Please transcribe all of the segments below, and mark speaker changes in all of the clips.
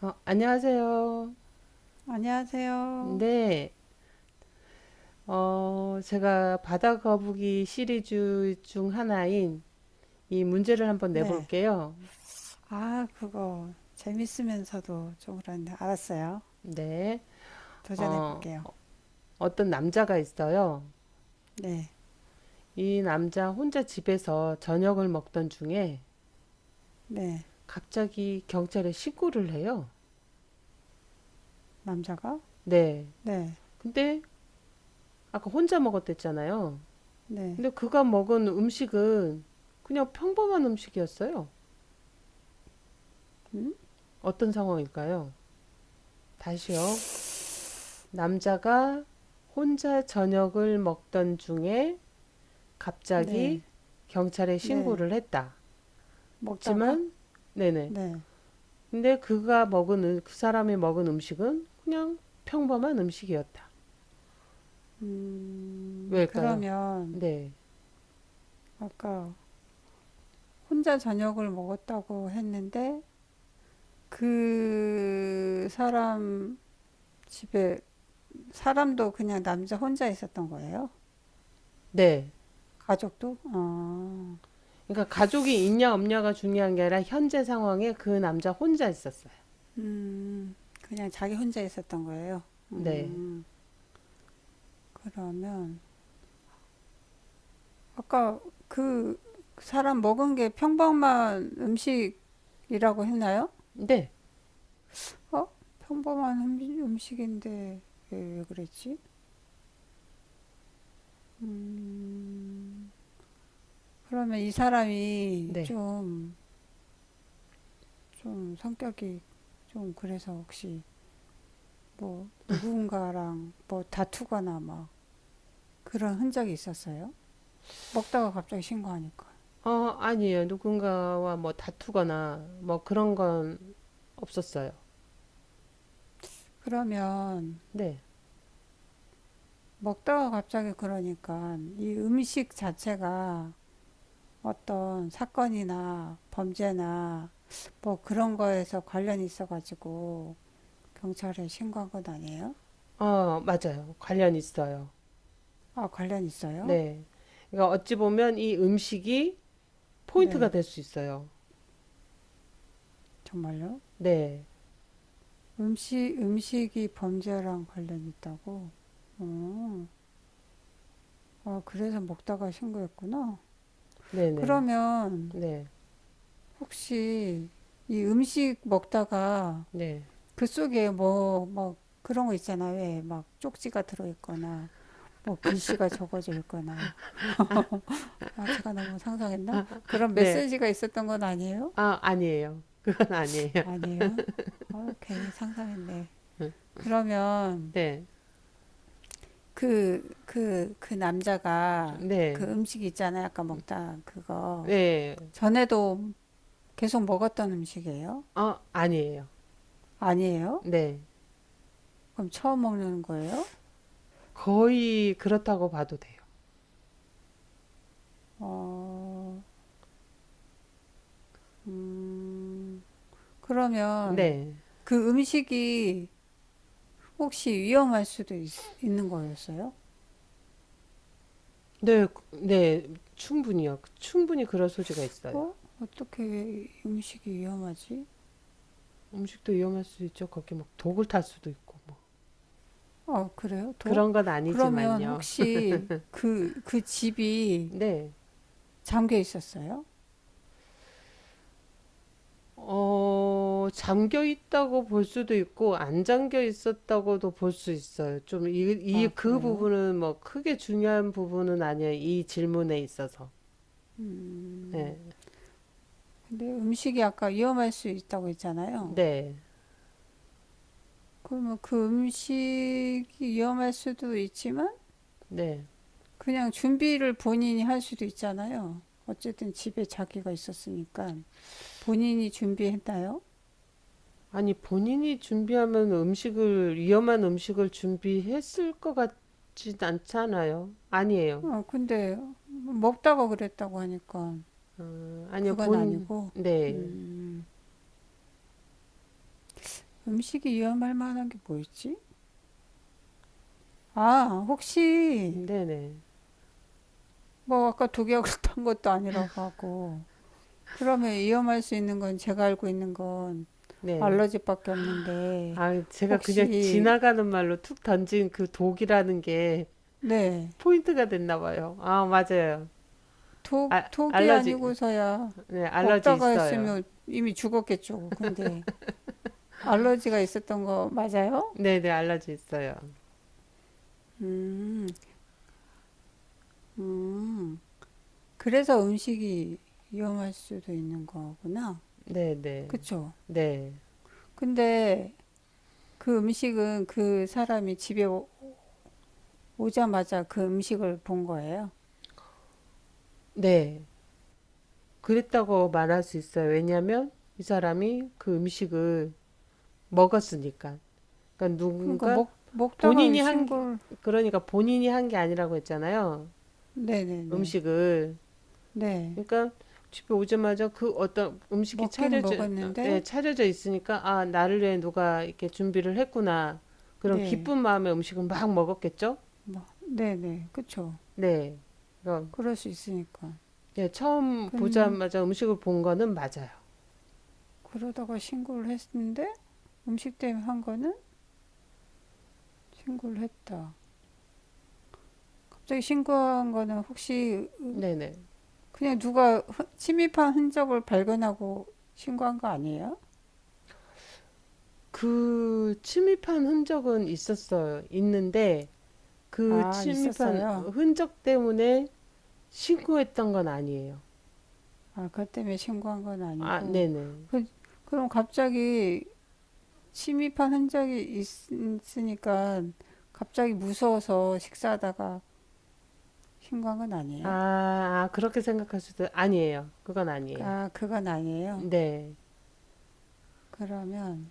Speaker 1: 안녕하세요.
Speaker 2: 안녕하세요.
Speaker 1: 네, 제가 바다 거북이 시리즈 중 하나인 이 문제를 한번
Speaker 2: 네.
Speaker 1: 내볼게요.
Speaker 2: 아, 그거 재밌으면서도 좀 그런데 알았어요.
Speaker 1: 네,
Speaker 2: 도전해
Speaker 1: 어,
Speaker 2: 볼게요.
Speaker 1: 어떤 남자가 있어요.
Speaker 2: 네.
Speaker 1: 이 남자 혼자 집에서 저녁을 먹던 중에
Speaker 2: 네.
Speaker 1: 갑자기 경찰에 신고를 해요.
Speaker 2: 남자가?
Speaker 1: 네,
Speaker 2: 네.
Speaker 1: 근데 아까 혼자 먹었댔잖아요.
Speaker 2: 네.
Speaker 1: 근데 그가 먹은 음식은 그냥 평범한 음식이었어요.
Speaker 2: 음?
Speaker 1: 어떤 상황일까요? 다시요. 남자가 혼자 저녁을 먹던 중에 갑자기
Speaker 2: 네.
Speaker 1: 경찰에
Speaker 2: 네.
Speaker 1: 신고를 했다.
Speaker 2: 먹다가?
Speaker 1: 하지만 네네.
Speaker 2: 네.
Speaker 1: 근데 그가 먹은 그 사람이 먹은 음식은 그냥 평범한 음식이었다. 왜일까요?
Speaker 2: 그러면
Speaker 1: 네.
Speaker 2: 아까 혼자 저녁을 먹었다고 했는데 그 사람 집에 사람도 그냥 남자 혼자 있었던 거예요?
Speaker 1: 네.
Speaker 2: 가족도? 아.
Speaker 1: 그러니까 가족이 있냐 없냐가 중요한 게 아니라 현재 상황에 그 남자 혼자 있었어요.
Speaker 2: 음, 그냥 자기 혼자 있었던 거예요.
Speaker 1: 네.
Speaker 2: 음, 그러면 아까 그 사람 먹은 게 평범한 음식이라고 했나요?
Speaker 1: 네.
Speaker 2: 어? 평범한 음식인데 왜 그랬지? 그러면 이 사람이
Speaker 1: 네.
Speaker 2: 좀, 좀 성격이 좀 그래서 혹시 뭐 누군가랑 뭐 다투거나 막 그런 흔적이 있었어요? 먹다가 갑자기 신고하니까.
Speaker 1: 어, 아니에요. 누군가와 뭐 다투거나 뭐 그런 건 없었어요.
Speaker 2: 그러면
Speaker 1: 네.
Speaker 2: 먹다가 갑자기 그러니까 이 음식 자체가 어떤 사건이나 범죄나 뭐 그런 거에서 관련이 있어가지고 경찰에 신고한 건 아니에요?
Speaker 1: 어 맞아요. 관련 있어요.
Speaker 2: 아, 관련 있어요?
Speaker 1: 네. 그러니까 어찌 보면 이 음식이 포인트가
Speaker 2: 네,
Speaker 1: 될 수 있어요.
Speaker 2: 정말요?
Speaker 1: 네.
Speaker 2: 음식, 음식이 범죄랑 관련이 있다고? 아, 그래서 먹다가 신고했구나.
Speaker 1: 네네.
Speaker 2: 그러면
Speaker 1: 네.
Speaker 2: 혹시 이 음식 먹다가
Speaker 1: 네.
Speaker 2: 그 속에 뭐, 막 그런 거 있잖아. 왜 막 쪽지가 들어있거나 뭐 글씨가 적어져 있거나 아 제가 너무 상상했나? 그런
Speaker 1: 네.
Speaker 2: 메시지가 있었던 건 아니에요?
Speaker 1: 아, 아니에요. 그건 아니에요.
Speaker 2: 아니에요. 아, 괜히 상상했네. 그러면
Speaker 1: 네.
Speaker 2: 그 남자가 그
Speaker 1: 네.
Speaker 2: 음식 있잖아요. 아까 먹다 그거.
Speaker 1: 네.
Speaker 2: 전에도 계속 먹었던 음식이에요?
Speaker 1: 아, 아니에요.
Speaker 2: 아니에요?
Speaker 1: 네.
Speaker 2: 그럼 처음 먹는 거예요?
Speaker 1: 거의 그렇다고 봐도 돼요.
Speaker 2: 어, 음, 그러면
Speaker 1: 네.
Speaker 2: 그 음식이 혹시 위험할 수도 있는 거였어요?
Speaker 1: 네. 네. 충분히요. 충분히 그럴 소지가 있어요.
Speaker 2: 어? 어떻게 음식이 위험하지?
Speaker 1: 음식도 위험할 수 있죠. 거기 막 독을 탈 수도 있고 뭐.
Speaker 2: 아, 그래요?
Speaker 1: 그런
Speaker 2: 독?
Speaker 1: 건
Speaker 2: 그러면
Speaker 1: 아니지만요.
Speaker 2: 혹시 그 집이
Speaker 1: 네.
Speaker 2: 잠겨 있었어요?
Speaker 1: 어, 잠겨 있다고 볼 수도 있고, 안 잠겨 있었다고도 볼 수 있어요. 좀
Speaker 2: 아,
Speaker 1: 그
Speaker 2: 그래요?
Speaker 1: 부분은 뭐 크게 중요한 부분은 아니에요. 이 질문에 있어서. 네.
Speaker 2: 근데 음식이 아까 위험할 수 있다고 했잖아요.
Speaker 1: 네.
Speaker 2: 그러면 그 음식이 위험할 수도 있지만
Speaker 1: 네.
Speaker 2: 그냥 준비를 본인이 할 수도 있잖아요. 어쨌든 집에 자기가 있었으니까 본인이 준비했나요?
Speaker 1: 아니, 본인이 준비하면 음식을, 위험한 음식을 준비했을 것 같진 않잖아요. 아니에요.
Speaker 2: 어, 근데 먹다가 그랬다고 하니까 그건 아니고,
Speaker 1: 네.
Speaker 2: 음. 음식이 위험할 만한 게 뭐 있지? 아, 혹시
Speaker 1: 네네. 네.
Speaker 2: 뭐 아까 독약을 탄 것도 아니라고 하고 그러면 위험할 수 있는 건 제가 알고 있는 건
Speaker 1: 네.
Speaker 2: 알러지밖에 없는데
Speaker 1: 아, 제가 그냥
Speaker 2: 혹시
Speaker 1: 지나가는 말로 툭 던진 그 독이라는 게
Speaker 2: 네,
Speaker 1: 포인트가 됐나 봐요. 아, 맞아요.
Speaker 2: 독,
Speaker 1: 아,
Speaker 2: 독이
Speaker 1: 알러지,
Speaker 2: 아니고서야
Speaker 1: 네, 알러지
Speaker 2: 먹다가
Speaker 1: 있어요.
Speaker 2: 했으면 이미 죽었겠죠. 근데 알러지가 있었던 거 맞아요?
Speaker 1: 네네, 알러지 있어요.
Speaker 2: 음, 음. 그래서 음식이 위험할 수도 있는 거구나.
Speaker 1: 네네, 네,
Speaker 2: 그쵸?
Speaker 1: 네.
Speaker 2: 근데 그 음식은 그 사람이 집에 오자마자 그 음식을 본 거예요.
Speaker 1: 네. 그랬다고 말할 수 있어요. 왜냐면 이 사람이 그 음식을 먹었으니까. 그러니까
Speaker 2: 그러니까
Speaker 1: 누군가
Speaker 2: 먹다가
Speaker 1: 본인이 한, 게-
Speaker 2: 신고를,
Speaker 1: 그러니까 본인이 한 게 아니라고 했잖아요.
Speaker 2: 네네네.
Speaker 1: 음식을.
Speaker 2: 네.
Speaker 1: 그러니까 집에 오자마자 그 어떤 음식이
Speaker 2: 먹기는
Speaker 1: 차려져, 네
Speaker 2: 먹었는데,
Speaker 1: 차려져 있으니까 아, 나를 위해 누가 이렇게 준비를 했구나. 그런
Speaker 2: 네.
Speaker 1: 기쁜 마음에 음식을 막 먹었겠죠?
Speaker 2: 뭐, 네네. 그쵸.
Speaker 1: 네. 그럼
Speaker 2: 그럴 수 있으니까.
Speaker 1: 예, 처음
Speaker 2: 근,
Speaker 1: 보자마자 음식을 본 거는 맞아요.
Speaker 2: 그러다가 신고를 했는데, 음식 때문에 한 거는 신고를 했다. 갑자기 신고한 거는 혹시
Speaker 1: 네네.
Speaker 2: 그냥 누가 침입한 흔적을 발견하고 신고한 거 아니에요?
Speaker 1: 그 침입한 흔적은 있었어요. 있는데 그
Speaker 2: 아,
Speaker 1: 침입한
Speaker 2: 있었어요.
Speaker 1: 흔적 때문에 신고했던 건 아니에요.
Speaker 2: 아, 그것 때문에 신고한 건
Speaker 1: 아,
Speaker 2: 아니고.
Speaker 1: 네네.
Speaker 2: 그, 그럼 갑자기 침입한 흔적이 있으니까 갑자기 무서워서 식사하다가 신고한 건
Speaker 1: 아,
Speaker 2: 아니에요?
Speaker 1: 아, 그렇게 생각할 수도 아니에요. 그건 아니에요.
Speaker 2: 아, 그건 아니에요.
Speaker 1: 네.
Speaker 2: 그러면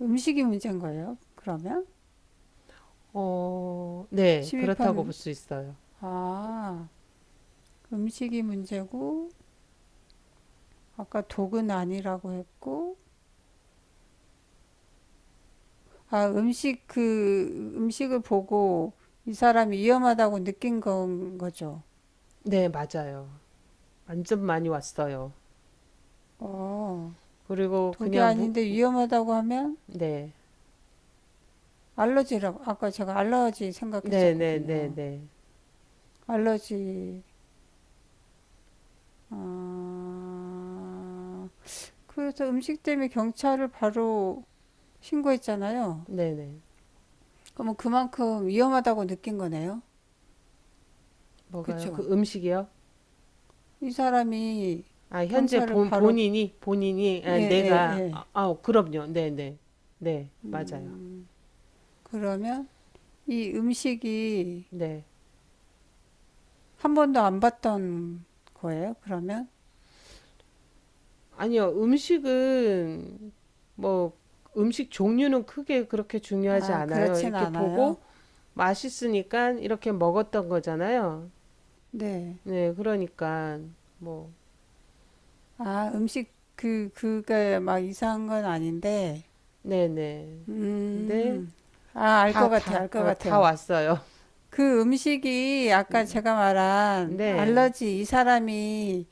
Speaker 2: 음식이 문제인 거예요? 그러면?
Speaker 1: 어, 네, 그렇다고 볼
Speaker 2: 침입한,
Speaker 1: 수 있어요.
Speaker 2: 아, 음식이 문제고, 아까 독은 아니라고 했고, 아, 음식, 그, 음식을 보고 이 사람이 위험하다고 느낀 건 거죠.
Speaker 1: 네, 맞아요. 완전 많이 왔어요.
Speaker 2: 어,
Speaker 1: 그리고
Speaker 2: 독이
Speaker 1: 그냥 무,
Speaker 2: 아닌데 위험하다고 하면
Speaker 1: 네,
Speaker 2: 알러지라고 아까 제가 알러지
Speaker 1: 네, 네, 네,
Speaker 2: 생각했었거든요.
Speaker 1: 네,
Speaker 2: 알러지 아, 그래서 음식 때문에 경찰을 바로 신고했잖아요.
Speaker 1: 네, 네.
Speaker 2: 그러면 그만큼 위험하다고 느낀 거네요.
Speaker 1: 뭐가요? 그
Speaker 2: 그쵸?
Speaker 1: 음식이요?
Speaker 2: 이 사람이
Speaker 1: 아, 현재
Speaker 2: 경찰을 바로
Speaker 1: 본인이, 본인이,
Speaker 2: 예,
Speaker 1: 아,
Speaker 2: 예,
Speaker 1: 내가, 아,
Speaker 2: 예.
Speaker 1: 아, 그럼요. 네, 네, 네, 맞아요.
Speaker 2: 음, 그러면 이 음식이
Speaker 1: 네.
Speaker 2: 한 번도 안 봤던 거예요, 그러면?
Speaker 1: 아니요, 음식은, 뭐, 음식 종류는 크게 그렇게 중요하지
Speaker 2: 아,
Speaker 1: 않아요.
Speaker 2: 그렇진
Speaker 1: 이렇게
Speaker 2: 않아요.
Speaker 1: 보고 맛있으니까 이렇게 먹었던 거잖아요.
Speaker 2: 네.
Speaker 1: 네, 그러니까, 뭐.
Speaker 2: 아, 음식 그 그게 막 이상한 건 아닌데.
Speaker 1: 네네. 네.
Speaker 2: 음. 아, 알 것 같아요. 알 것
Speaker 1: 다
Speaker 2: 같아요.
Speaker 1: 왔어요.
Speaker 2: 그 음식이 아까
Speaker 1: 음,
Speaker 2: 제가 말한
Speaker 1: 네.
Speaker 2: 알러지 이 사람이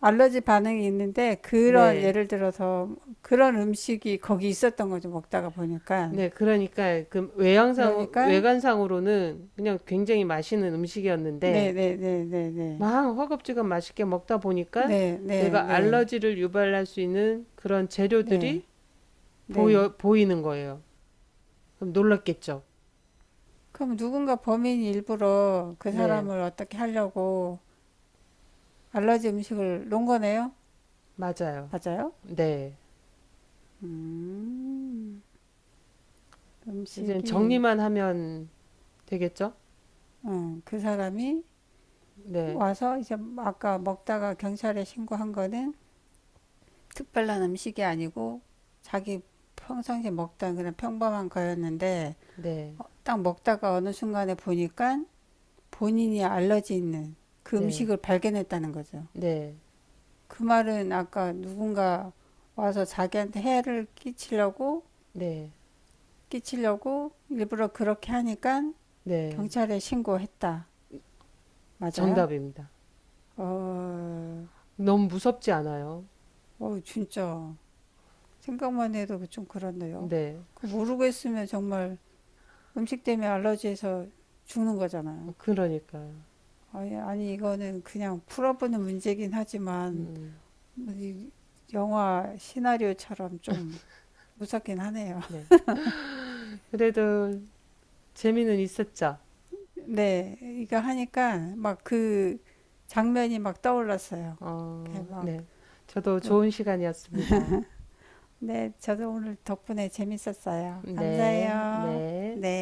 Speaker 2: 알러지 반응이 있는데 그런
Speaker 1: 네.
Speaker 2: 예를 들어서 그런 음식이 거기 있었던 거죠. 먹다가 보니까.
Speaker 1: 네. 그러니까 그 외양상,
Speaker 2: 그러니까
Speaker 1: 외관상으로는 그냥 굉장히 맛있는
Speaker 2: 네,
Speaker 1: 음식이었는데
Speaker 2: 네, 네, 네, 네.
Speaker 1: 막 허겁지겁 맛있게 먹다 보니까
Speaker 2: 네, 네,
Speaker 1: 내가
Speaker 2: 네.
Speaker 1: 알러지를 유발할 수 있는 그런
Speaker 2: 네.
Speaker 1: 재료들이
Speaker 2: 네.
Speaker 1: 보이는 거예요. 그럼 놀랐겠죠?
Speaker 2: 그럼 누군가 범인이 일부러 그
Speaker 1: 네.
Speaker 2: 사람을 어떻게 하려고 알러지 음식을 놓은 거네요.
Speaker 1: 맞아요.
Speaker 2: 맞아요?
Speaker 1: 네. 이제
Speaker 2: 음식이
Speaker 1: 정리만 하면 되겠죠?
Speaker 2: 그 사람이
Speaker 1: 네.
Speaker 2: 와서 이제 아까 먹다가 경찰에 신고한 거는 특별한 음식이 아니고 자기 평상시에 먹던 그냥 평범한 거였는데
Speaker 1: 네.
Speaker 2: 딱 먹다가 어느 순간에 보니까 본인이 알러지 있는 그
Speaker 1: 네.
Speaker 2: 음식을 발견했다는 거죠.
Speaker 1: 네.
Speaker 2: 그 말은 아까 누군가 와서 자기한테 해를 끼치려고
Speaker 1: 네.
Speaker 2: 끼치려고 일부러 그렇게 하니까
Speaker 1: 네.
Speaker 2: 경찰에 신고했다. 맞아요?
Speaker 1: 정답입니다.
Speaker 2: 어,
Speaker 1: 너무 무섭지 않아요.
Speaker 2: 어, 진짜. 생각만 해도 좀 그렇네요.
Speaker 1: 네,
Speaker 2: 그 모르고 했으면 정말 음식 때문에 알러지에서 죽는 거잖아요.
Speaker 1: 그러니까요.
Speaker 2: 아니, 아니, 이거는 그냥 풀어보는 문제긴 하지만,
Speaker 1: 음,
Speaker 2: 뭐이 영화 시나리오처럼 좀 무섭긴 하네요.
Speaker 1: 네. 그래도 재미는 있었죠.
Speaker 2: 네, 이거 하니까 막 그 장면이 막 떠올랐어요. 이렇게
Speaker 1: 어,
Speaker 2: 막,
Speaker 1: 네. 저도
Speaker 2: 뭐,
Speaker 1: 좋은 시간이었습니다.
Speaker 2: 네, 저도 오늘 덕분에 재밌었어요.
Speaker 1: 네,
Speaker 2: 감사해요.
Speaker 1: 네.
Speaker 2: 네.